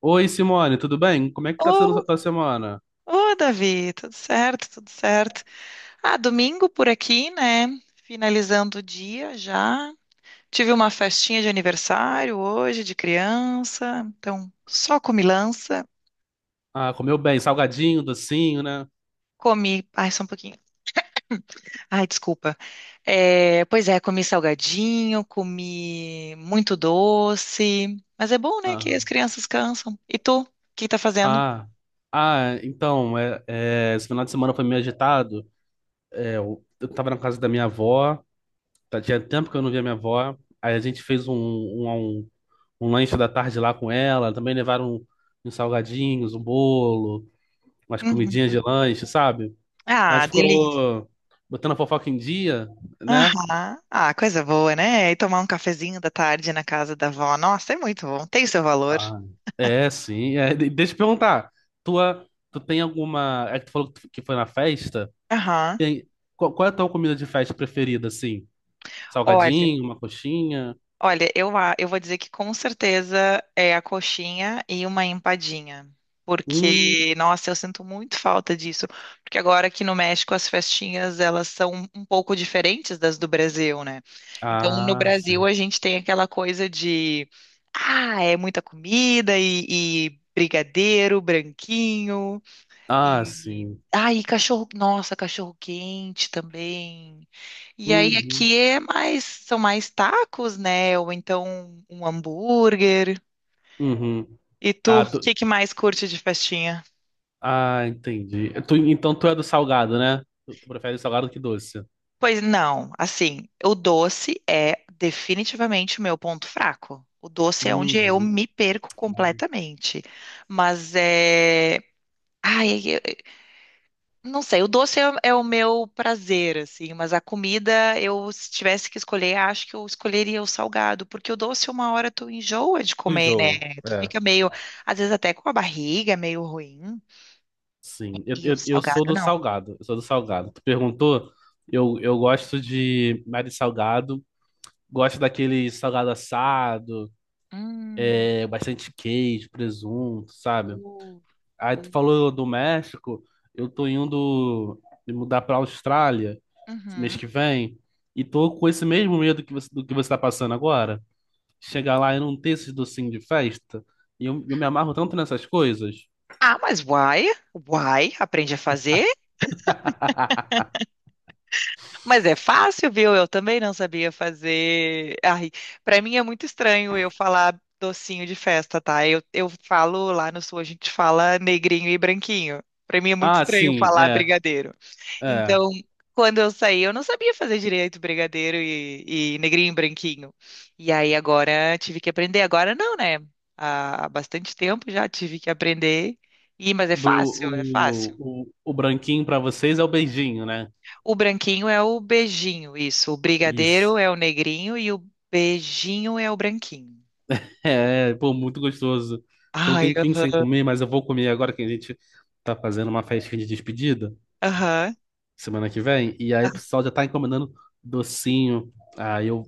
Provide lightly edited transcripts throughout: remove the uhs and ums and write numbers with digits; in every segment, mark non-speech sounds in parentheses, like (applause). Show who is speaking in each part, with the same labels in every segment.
Speaker 1: Oi, Simone, tudo bem? Como é que tá sendo
Speaker 2: Ô,
Speaker 1: a tua semana?
Speaker 2: Davi, tudo certo, tudo certo. Ah, domingo por aqui, né? Finalizando o dia já. Tive uma festinha de aniversário hoje de criança, então só comilança.
Speaker 1: Ah, comeu bem, salgadinho, docinho, né?
Speaker 2: Comi, ai, só um pouquinho. Ai, desculpa. É, pois é, comi salgadinho, comi muito doce, mas é bom, né, que as
Speaker 1: Aham.
Speaker 2: crianças cansam. E tu, o que tá fazendo?
Speaker 1: Ah, então, esse final de semana foi meio agitado. É, eu tava na casa da minha avó, tinha tempo que eu não via minha avó. Aí a gente fez um lanche da tarde lá com ela, também levaram uns salgadinhos, um bolo, umas comidinhas
Speaker 2: Uhum.
Speaker 1: de lanche, sabe?
Speaker 2: Ah.
Speaker 1: Mas ficou botando a fofoca em dia, né?
Speaker 2: Aham. Ah, coisa boa, né? E tomar um cafezinho da tarde na casa da avó. Nossa, é muito bom. Tem o seu valor.
Speaker 1: Ah, é, sim. É, deixa eu te perguntar. Tua, tu tem alguma. É que tu falou que foi na festa?
Speaker 2: Aham.
Speaker 1: Tem, qual é a tua comida de festa preferida, assim?
Speaker 2: Olha,
Speaker 1: Salgadinho, uma coxinha?
Speaker 2: olha, eu, eu vou dizer que com certeza é a coxinha e uma empadinha.
Speaker 1: Hum.
Speaker 2: Porque, nossa, eu sinto muito falta disso. Porque agora aqui no México as festinhas elas são um pouco diferentes das do Brasil, né? Então no
Speaker 1: Ah,
Speaker 2: Brasil
Speaker 1: sim.
Speaker 2: a gente tem aquela coisa de ah, é muita comida e brigadeiro, branquinho.
Speaker 1: Ah,
Speaker 2: E
Speaker 1: sim.
Speaker 2: aí, cachorro, nossa, cachorro quente também. E aí
Speaker 1: Uhum.
Speaker 2: aqui é mais, são mais tacos, né? Ou então um hambúrguer.
Speaker 1: Uhum.
Speaker 2: E tu,
Speaker 1: Ah,
Speaker 2: o
Speaker 1: tu,
Speaker 2: que que mais curte de festinha?
Speaker 1: ah, entendi. Tu, então tu é do salgado, né? Tu prefere salgado que doce.
Speaker 2: Pois não, assim, o doce é definitivamente o meu ponto fraco. O doce é onde eu
Speaker 1: Uhum.
Speaker 2: me perco completamente. Mas é. Ai. Não sei, o doce é o meu prazer, assim, mas a comida, eu, se tivesse que escolher, acho que eu escolheria o salgado, porque o doce, uma hora tu enjoa de
Speaker 1: Tu
Speaker 2: comer, né?
Speaker 1: enjoa.
Speaker 2: Tu fica meio, às vezes até com a barriga meio ruim,
Speaker 1: Sim, eu,
Speaker 2: e o
Speaker 1: eu, eu sou
Speaker 2: salgado
Speaker 1: do
Speaker 2: não.
Speaker 1: salgado, eu sou do salgado. Tu perguntou, eu gosto de mais de salgado, gosto daquele salgado assado,
Speaker 2: Hum.
Speaker 1: é, bastante queijo, presunto, sabe?
Speaker 2: uh,
Speaker 1: Aí
Speaker 2: uh,
Speaker 1: tu falou do México, eu tô indo me mudar pra Austrália mês
Speaker 2: uhum.
Speaker 1: que vem e tô com esse mesmo medo que você, do que você tá passando agora. Chegar lá e não ter esses docinhos de festa, e eu me amarro tanto nessas coisas.
Speaker 2: Ah, mas uai, aprende a fazer.
Speaker 1: (laughs)
Speaker 2: Mas é fácil, viu? Eu também não sabia fazer. Ai, para mim é muito estranho eu falar docinho de festa, tá? Eu falo lá no sul, a gente fala negrinho e branquinho. Para mim é muito
Speaker 1: Ah,
Speaker 2: estranho
Speaker 1: sim,
Speaker 2: falar
Speaker 1: é,
Speaker 2: brigadeiro.
Speaker 1: é.
Speaker 2: Então, quando eu saí, eu não sabia fazer direito brigadeiro e negrinho e branquinho. E aí agora tive que aprender. Agora não, né? Há bastante tempo já tive que aprender. E, mas é fácil, é fácil.
Speaker 1: O, branquinho pra vocês é o beijinho, né?
Speaker 2: O branquinho é o beijinho, isso. O
Speaker 1: Isso.
Speaker 2: brigadeiro é o negrinho e o beijinho é o branquinho.
Speaker 1: É, pô, muito gostoso. Então
Speaker 2: Ai,
Speaker 1: tem pensar em
Speaker 2: aham,
Speaker 1: comer, mas eu vou comer agora que a gente tá fazendo uma festinha de despedida
Speaker 2: aham.
Speaker 1: semana que vem. E aí o pessoal já tá encomendando docinho. Aí eu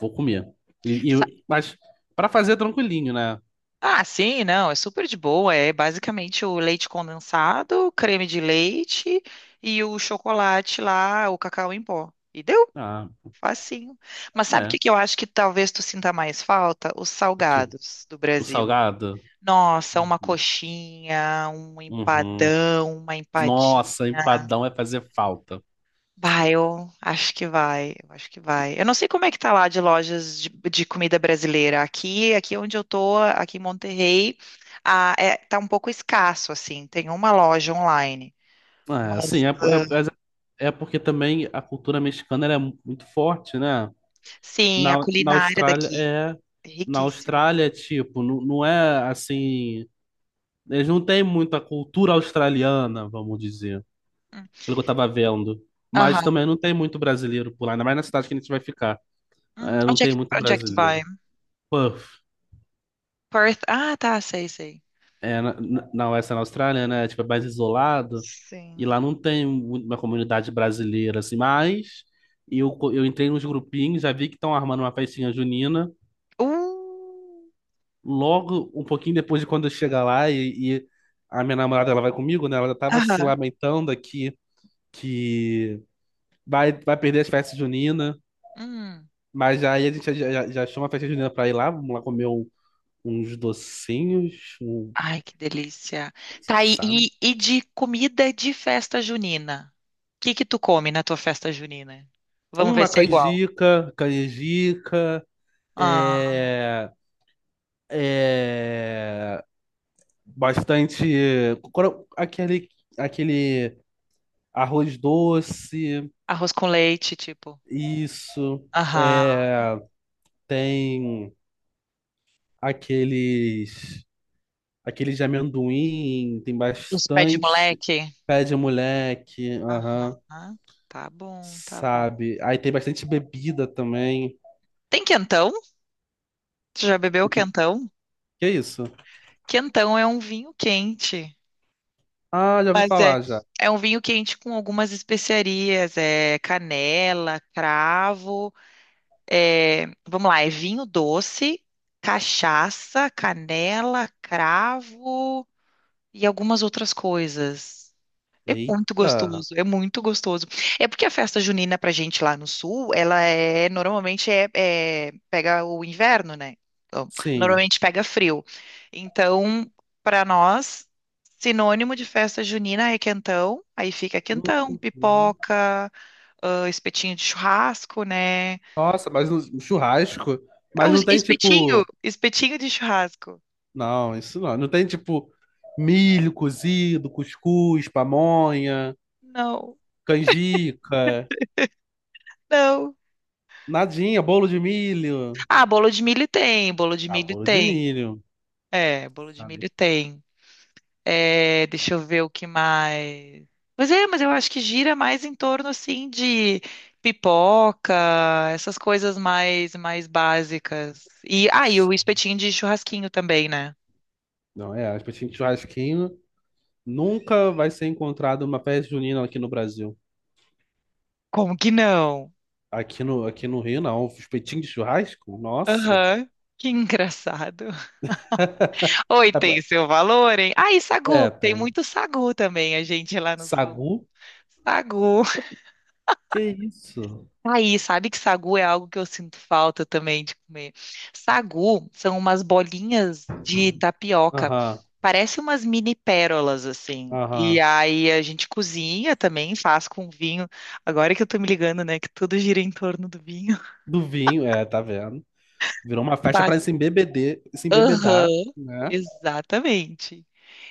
Speaker 1: vou comer. E, e eu-
Speaker 2: Sa-
Speaker 1: mas pra fazer tranquilinho, né?
Speaker 2: Ah, sim, não, é super de boa. É basicamente o leite condensado, o creme de leite e o chocolate lá, o cacau em pó. E deu,
Speaker 1: Ah,
Speaker 2: facinho. Mas sabe o
Speaker 1: é.
Speaker 2: que que eu acho que talvez tu sinta mais falta? Os
Speaker 1: O quê?
Speaker 2: salgados do
Speaker 1: O
Speaker 2: Brasil.
Speaker 1: salgado?
Speaker 2: Nossa, uma coxinha, um
Speaker 1: Uhum.
Speaker 2: empadão, uma empadinha.
Speaker 1: Nossa, empadão vai fazer falta.
Speaker 2: Vai, eu acho que vai, eu acho que vai. Eu não sei como é que tá lá de lojas de comida brasileira. Aqui, aqui onde eu tô, aqui em Monterrey, ah, é, tá um pouco escasso, assim. Tem uma loja online,
Speaker 1: É, sim,
Speaker 2: mas
Speaker 1: é,
Speaker 2: ah,
Speaker 1: mas é porque também a cultura mexicana ela é muito forte, né?
Speaker 2: sim, a
Speaker 1: Na, na
Speaker 2: culinária
Speaker 1: Austrália
Speaker 2: daqui
Speaker 1: é
Speaker 2: é
Speaker 1: Na
Speaker 2: riquíssima.
Speaker 1: Austrália, tipo, não é assim, eles não têm muita cultura australiana, vamos dizer,
Speaker 2: Hum.
Speaker 1: pelo que eu tava vendo. Mas
Speaker 2: Aham.
Speaker 1: também não tem muito brasileiro por lá, ainda mais na cidade que a gente vai ficar. É, não
Speaker 2: Onde é
Speaker 1: tem
Speaker 2: que,
Speaker 1: muito
Speaker 2: onde é que tu vai?
Speaker 1: brasileiro. Pô,
Speaker 2: Perth? Ah, tá, sei, sei.
Speaker 1: é, na Western Austrália, né? Tipo, é mais isolado. E
Speaker 2: Sim.
Speaker 1: lá não tem uma comunidade brasileira, assim. Mas eu entrei nos grupinhos, já vi que estão armando uma festinha junina.
Speaker 2: Uh,
Speaker 1: Logo, um pouquinho depois de quando eu chegar lá e a minha namorada, ela vai comigo, né? Ela já tava se
Speaker 2: aham.
Speaker 1: lamentando aqui que vai perder as festas juninas.
Speaker 2: Hum.
Speaker 1: Mas aí a gente já achou uma festa junina pra ir lá. Vamos lá comer uns docinhos, um,
Speaker 2: Ai, que delícia. Tá, e,
Speaker 1: sabe?
Speaker 2: e e de comida de festa junina? O que que tu come na tua festa junina? Vamos ver
Speaker 1: Uma
Speaker 2: se é igual.
Speaker 1: canjica, canjica.
Speaker 2: Ah,
Speaker 1: É, é, bastante aquele aquele arroz doce,
Speaker 2: arroz com leite, tipo.
Speaker 1: isso
Speaker 2: Aham.
Speaker 1: é, tem aqueles de amendoim, tem
Speaker 2: Os pés de
Speaker 1: bastante
Speaker 2: moleque.
Speaker 1: pé de moleque, aham,
Speaker 2: Aham. Tá bom, tá bom.
Speaker 1: sabe? Aí tem bastante bebida também.
Speaker 2: Tem quentão? Tu já bebeu
Speaker 1: O que,
Speaker 2: quentão?
Speaker 1: que é isso?
Speaker 2: Quentão é um vinho quente.
Speaker 1: Ah, já ouvi
Speaker 2: Mas é,
Speaker 1: falar já.
Speaker 2: é um vinho quente com algumas especiarias. É canela, cravo. É, vamos lá, é vinho doce, cachaça, canela, cravo e algumas outras coisas. É muito
Speaker 1: Eita,
Speaker 2: gostoso, é muito gostoso. É porque a festa junina pra gente lá no sul, ela é normalmente pega o inverno, né? Então,
Speaker 1: sim.
Speaker 2: normalmente pega frio. Então, pra nós, sinônimo de festa junina é quentão, aí fica quentão,
Speaker 1: Uhum.
Speaker 2: pipoca, ah, espetinho de churrasco, né?
Speaker 1: Nossa, mas no churrasco,
Speaker 2: É
Speaker 1: mas
Speaker 2: o
Speaker 1: não tem
Speaker 2: espetinho,
Speaker 1: tipo,
Speaker 2: espetinho de churrasco.
Speaker 1: não, não tem tipo milho cozido, cuscuz, pamonha,
Speaker 2: Não,
Speaker 1: canjica,
Speaker 2: não.
Speaker 1: nadinha, bolo de milho.
Speaker 2: Ah, bolo de milho tem, bolo de
Speaker 1: Ah,
Speaker 2: milho
Speaker 1: bolo de
Speaker 2: tem.
Speaker 1: milho,
Speaker 2: É, bolo de
Speaker 1: sabe?
Speaker 2: milho tem. É, deixa eu ver o que mais. Mas é, mas eu acho que gira mais em torno assim de pipoca, essas coisas mais básicas. E aí o espetinho de churrasquinho também, né?
Speaker 1: Não é, acho que churrasquinho nunca vai ser encontrado uma festa junina aqui no Brasil.
Speaker 2: Como que não?
Speaker 1: Aqui no Rio, não. Os peitinhos de churrasco? Nossa.
Speaker 2: Aham. Que engraçado. Oi,
Speaker 1: (laughs)
Speaker 2: tem seu valor, hein? Ah, e sagu.
Speaker 1: É,
Speaker 2: Tem
Speaker 1: tem.
Speaker 2: muito sagu também, a gente lá no sul.
Speaker 1: Sagu?
Speaker 2: Sagu.
Speaker 1: Que isso?
Speaker 2: Aí, sabe que sagu é algo que eu sinto falta também de comer. Sagu são umas bolinhas de tapioca.
Speaker 1: Aham,
Speaker 2: Parece umas mini pérolas, assim. E
Speaker 1: aham.
Speaker 2: aí a gente cozinha também, faz com vinho. Agora que eu tô me ligando, né, que tudo gira em torno do vinho.
Speaker 1: Do vinho, é, tá vendo? Virou uma
Speaker 2: (laughs)
Speaker 1: festa pra
Speaker 2: Faz.
Speaker 1: se embebeder, se
Speaker 2: Aham,
Speaker 1: embebedar, né?
Speaker 2: exatamente.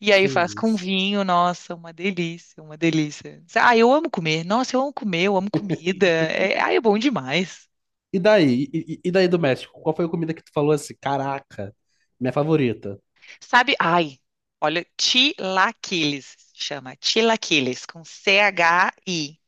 Speaker 2: E
Speaker 1: Que
Speaker 2: aí faz com
Speaker 1: isso.
Speaker 2: vinho, nossa, uma delícia, uma delícia. Ah, eu amo comer. Nossa, eu amo comer, eu amo comida. É, ah, é bom demais.
Speaker 1: E daí? E daí do México? Qual foi a comida que tu falou assim? Caraca, minha favorita.
Speaker 2: Sabe? Ai, olha, tilaquiles, chama tilaquiles, com CHI,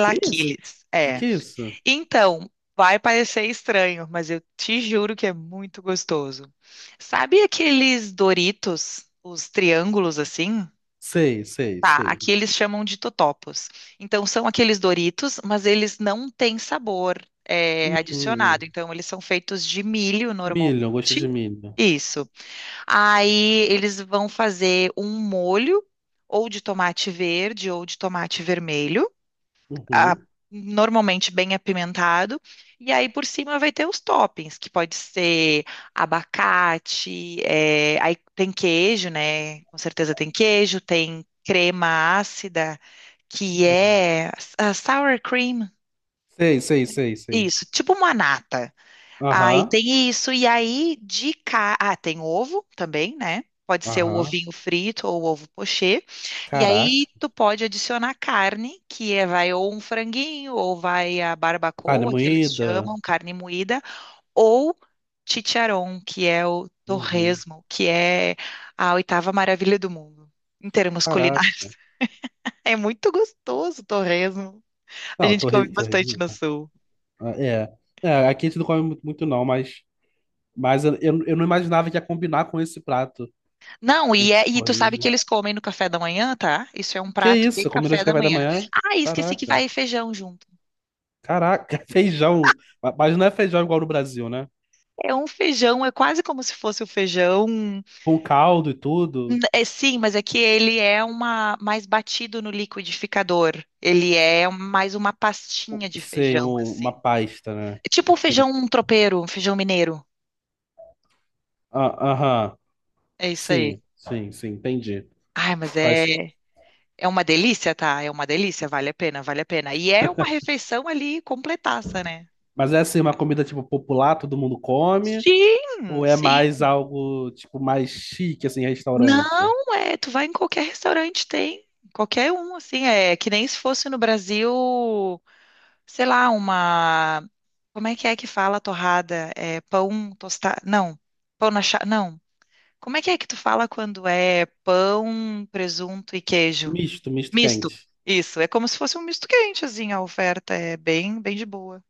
Speaker 1: Que isso?
Speaker 2: É.
Speaker 1: Que é isso?
Speaker 2: Então, vai parecer estranho, mas eu te juro que é muito gostoso. Sabe aqueles Doritos, os triângulos assim?
Speaker 1: Sei, sei,
Speaker 2: Tá,
Speaker 1: sei.
Speaker 2: aqui eles chamam de totopos. Então, são aqueles Doritos, mas eles não têm sabor é,
Speaker 1: Hum,
Speaker 2: adicionado.
Speaker 1: hum.
Speaker 2: Então, eles são feitos de milho normalmente.
Speaker 1: Milho, eu gosto de milho.
Speaker 2: Isso. Aí eles vão fazer um molho ou de tomate verde ou de tomate vermelho, a-
Speaker 1: Uhum,
Speaker 2: normalmente bem apimentado. E aí por cima vai ter os toppings, que pode ser abacate, eh, aí tem queijo, né? Com certeza tem queijo, tem crema ácida, que
Speaker 1: uhum.
Speaker 2: é ah, sour cream.
Speaker 1: Sei, sei, sei, sei.
Speaker 2: Isso, tipo uma nata. Aí
Speaker 1: Aham,
Speaker 2: tem isso. E aí, de cá. Ah, tem ovo também, né? Pode ser o
Speaker 1: aham.
Speaker 2: ovinho frito ou o ovo pochê. E
Speaker 1: Caraca.
Speaker 2: aí, tu pode adicionar carne, que é, vai ou um franguinho, ou vai a
Speaker 1: Carne
Speaker 2: barbacoa, que eles
Speaker 1: moída.
Speaker 2: chamam, carne moída, ou chicharrón, que é o
Speaker 1: Uhum.
Speaker 2: torresmo, que é a oitava maravilha do mundo, em termos
Speaker 1: Caraca.
Speaker 2: culinários. (laughs) É muito gostoso o torresmo. A
Speaker 1: Não,
Speaker 2: gente
Speaker 1: torre,
Speaker 2: come
Speaker 1: torre...
Speaker 2: bastante no sul.
Speaker 1: ah, é. É, aqui a gente não come muito, muito não, mas eu, eu não imaginava que ia combinar com esse prato,
Speaker 2: Não,
Speaker 1: um
Speaker 2: e, e tu sabe que
Speaker 1: torresmo.
Speaker 2: eles comem no café da manhã, tá? Isso é um
Speaker 1: Que
Speaker 2: prato de
Speaker 1: isso? Combinou
Speaker 2: café
Speaker 1: de
Speaker 2: da
Speaker 1: café da
Speaker 2: manhã.
Speaker 1: manhã?
Speaker 2: Ah, esqueci que
Speaker 1: Caraca.
Speaker 2: vai feijão junto.
Speaker 1: Caraca, (laughs) feijão. Mas não é feijão igual no Brasil, né?
Speaker 2: É um feijão, é quase como se fosse o feijão.
Speaker 1: Com caldo e tudo.
Speaker 2: É sim, mas é que ele é uma mais batido no liquidificador. Ele é mais uma pastinha de
Speaker 1: Sim,
Speaker 2: feijão,
Speaker 1: uma
Speaker 2: assim.
Speaker 1: pasta, né?
Speaker 2: É tipo um
Speaker 1: Entendi.
Speaker 2: feijão tropeiro, um feijão mineiro.
Speaker 1: Ah, aham.
Speaker 2: É isso aí.
Speaker 1: Sim, sim, sim, entendi.
Speaker 2: Ai, mas
Speaker 1: Faz...
Speaker 2: é, é uma delícia, tá? É uma delícia, vale a pena, vale a pena. E é uma refeição ali completaça, né?
Speaker 1: Mas é assim, uma comida tipo popular, todo mundo come?
Speaker 2: Sim,
Speaker 1: Ou é
Speaker 2: sim.
Speaker 1: mais algo tipo mais chique, assim, restaurante?
Speaker 2: Não, é, tu vai em qualquer restaurante, tem. Qualquer um, assim, é que nem se fosse no Brasil, sei lá, uma. Como é que fala torrada? É pão tostado? Não, pão na chapa? Não. Como é que tu fala quando é pão, presunto e queijo?
Speaker 1: Misto, misto
Speaker 2: Misto.
Speaker 1: quente.
Speaker 2: Isso, é como se fosse um misto quente, assim, a oferta é bem, bem de boa.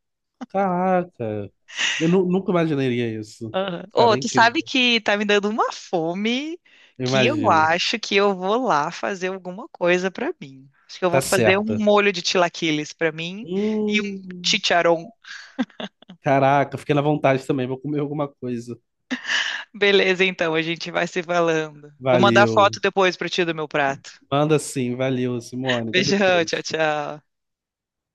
Speaker 1: Caraca, eu nunca imaginaria isso.
Speaker 2: Aham.
Speaker 1: Cara,
Speaker 2: Ô,
Speaker 1: é
Speaker 2: tu sabe
Speaker 1: incrível.
Speaker 2: que tá me dando uma fome
Speaker 1: Eu
Speaker 2: que eu
Speaker 1: imagino.
Speaker 2: acho que eu vou lá fazer alguma coisa pra mim. Acho que eu vou
Speaker 1: Tá
Speaker 2: fazer um
Speaker 1: certa.
Speaker 2: molho de chilaquiles pra mim e um
Speaker 1: Hum,
Speaker 2: chicharrón.
Speaker 1: caraca, fiquei na vontade também. Vou comer alguma coisa.
Speaker 2: Beleza, então, a gente vai se falando. Vou mandar foto
Speaker 1: Valeu.
Speaker 2: depois pra ti do meu prato.
Speaker 1: Manda sim, valeu, Simone. Até
Speaker 2: Beijão, tchau,
Speaker 1: depois.
Speaker 2: tchau.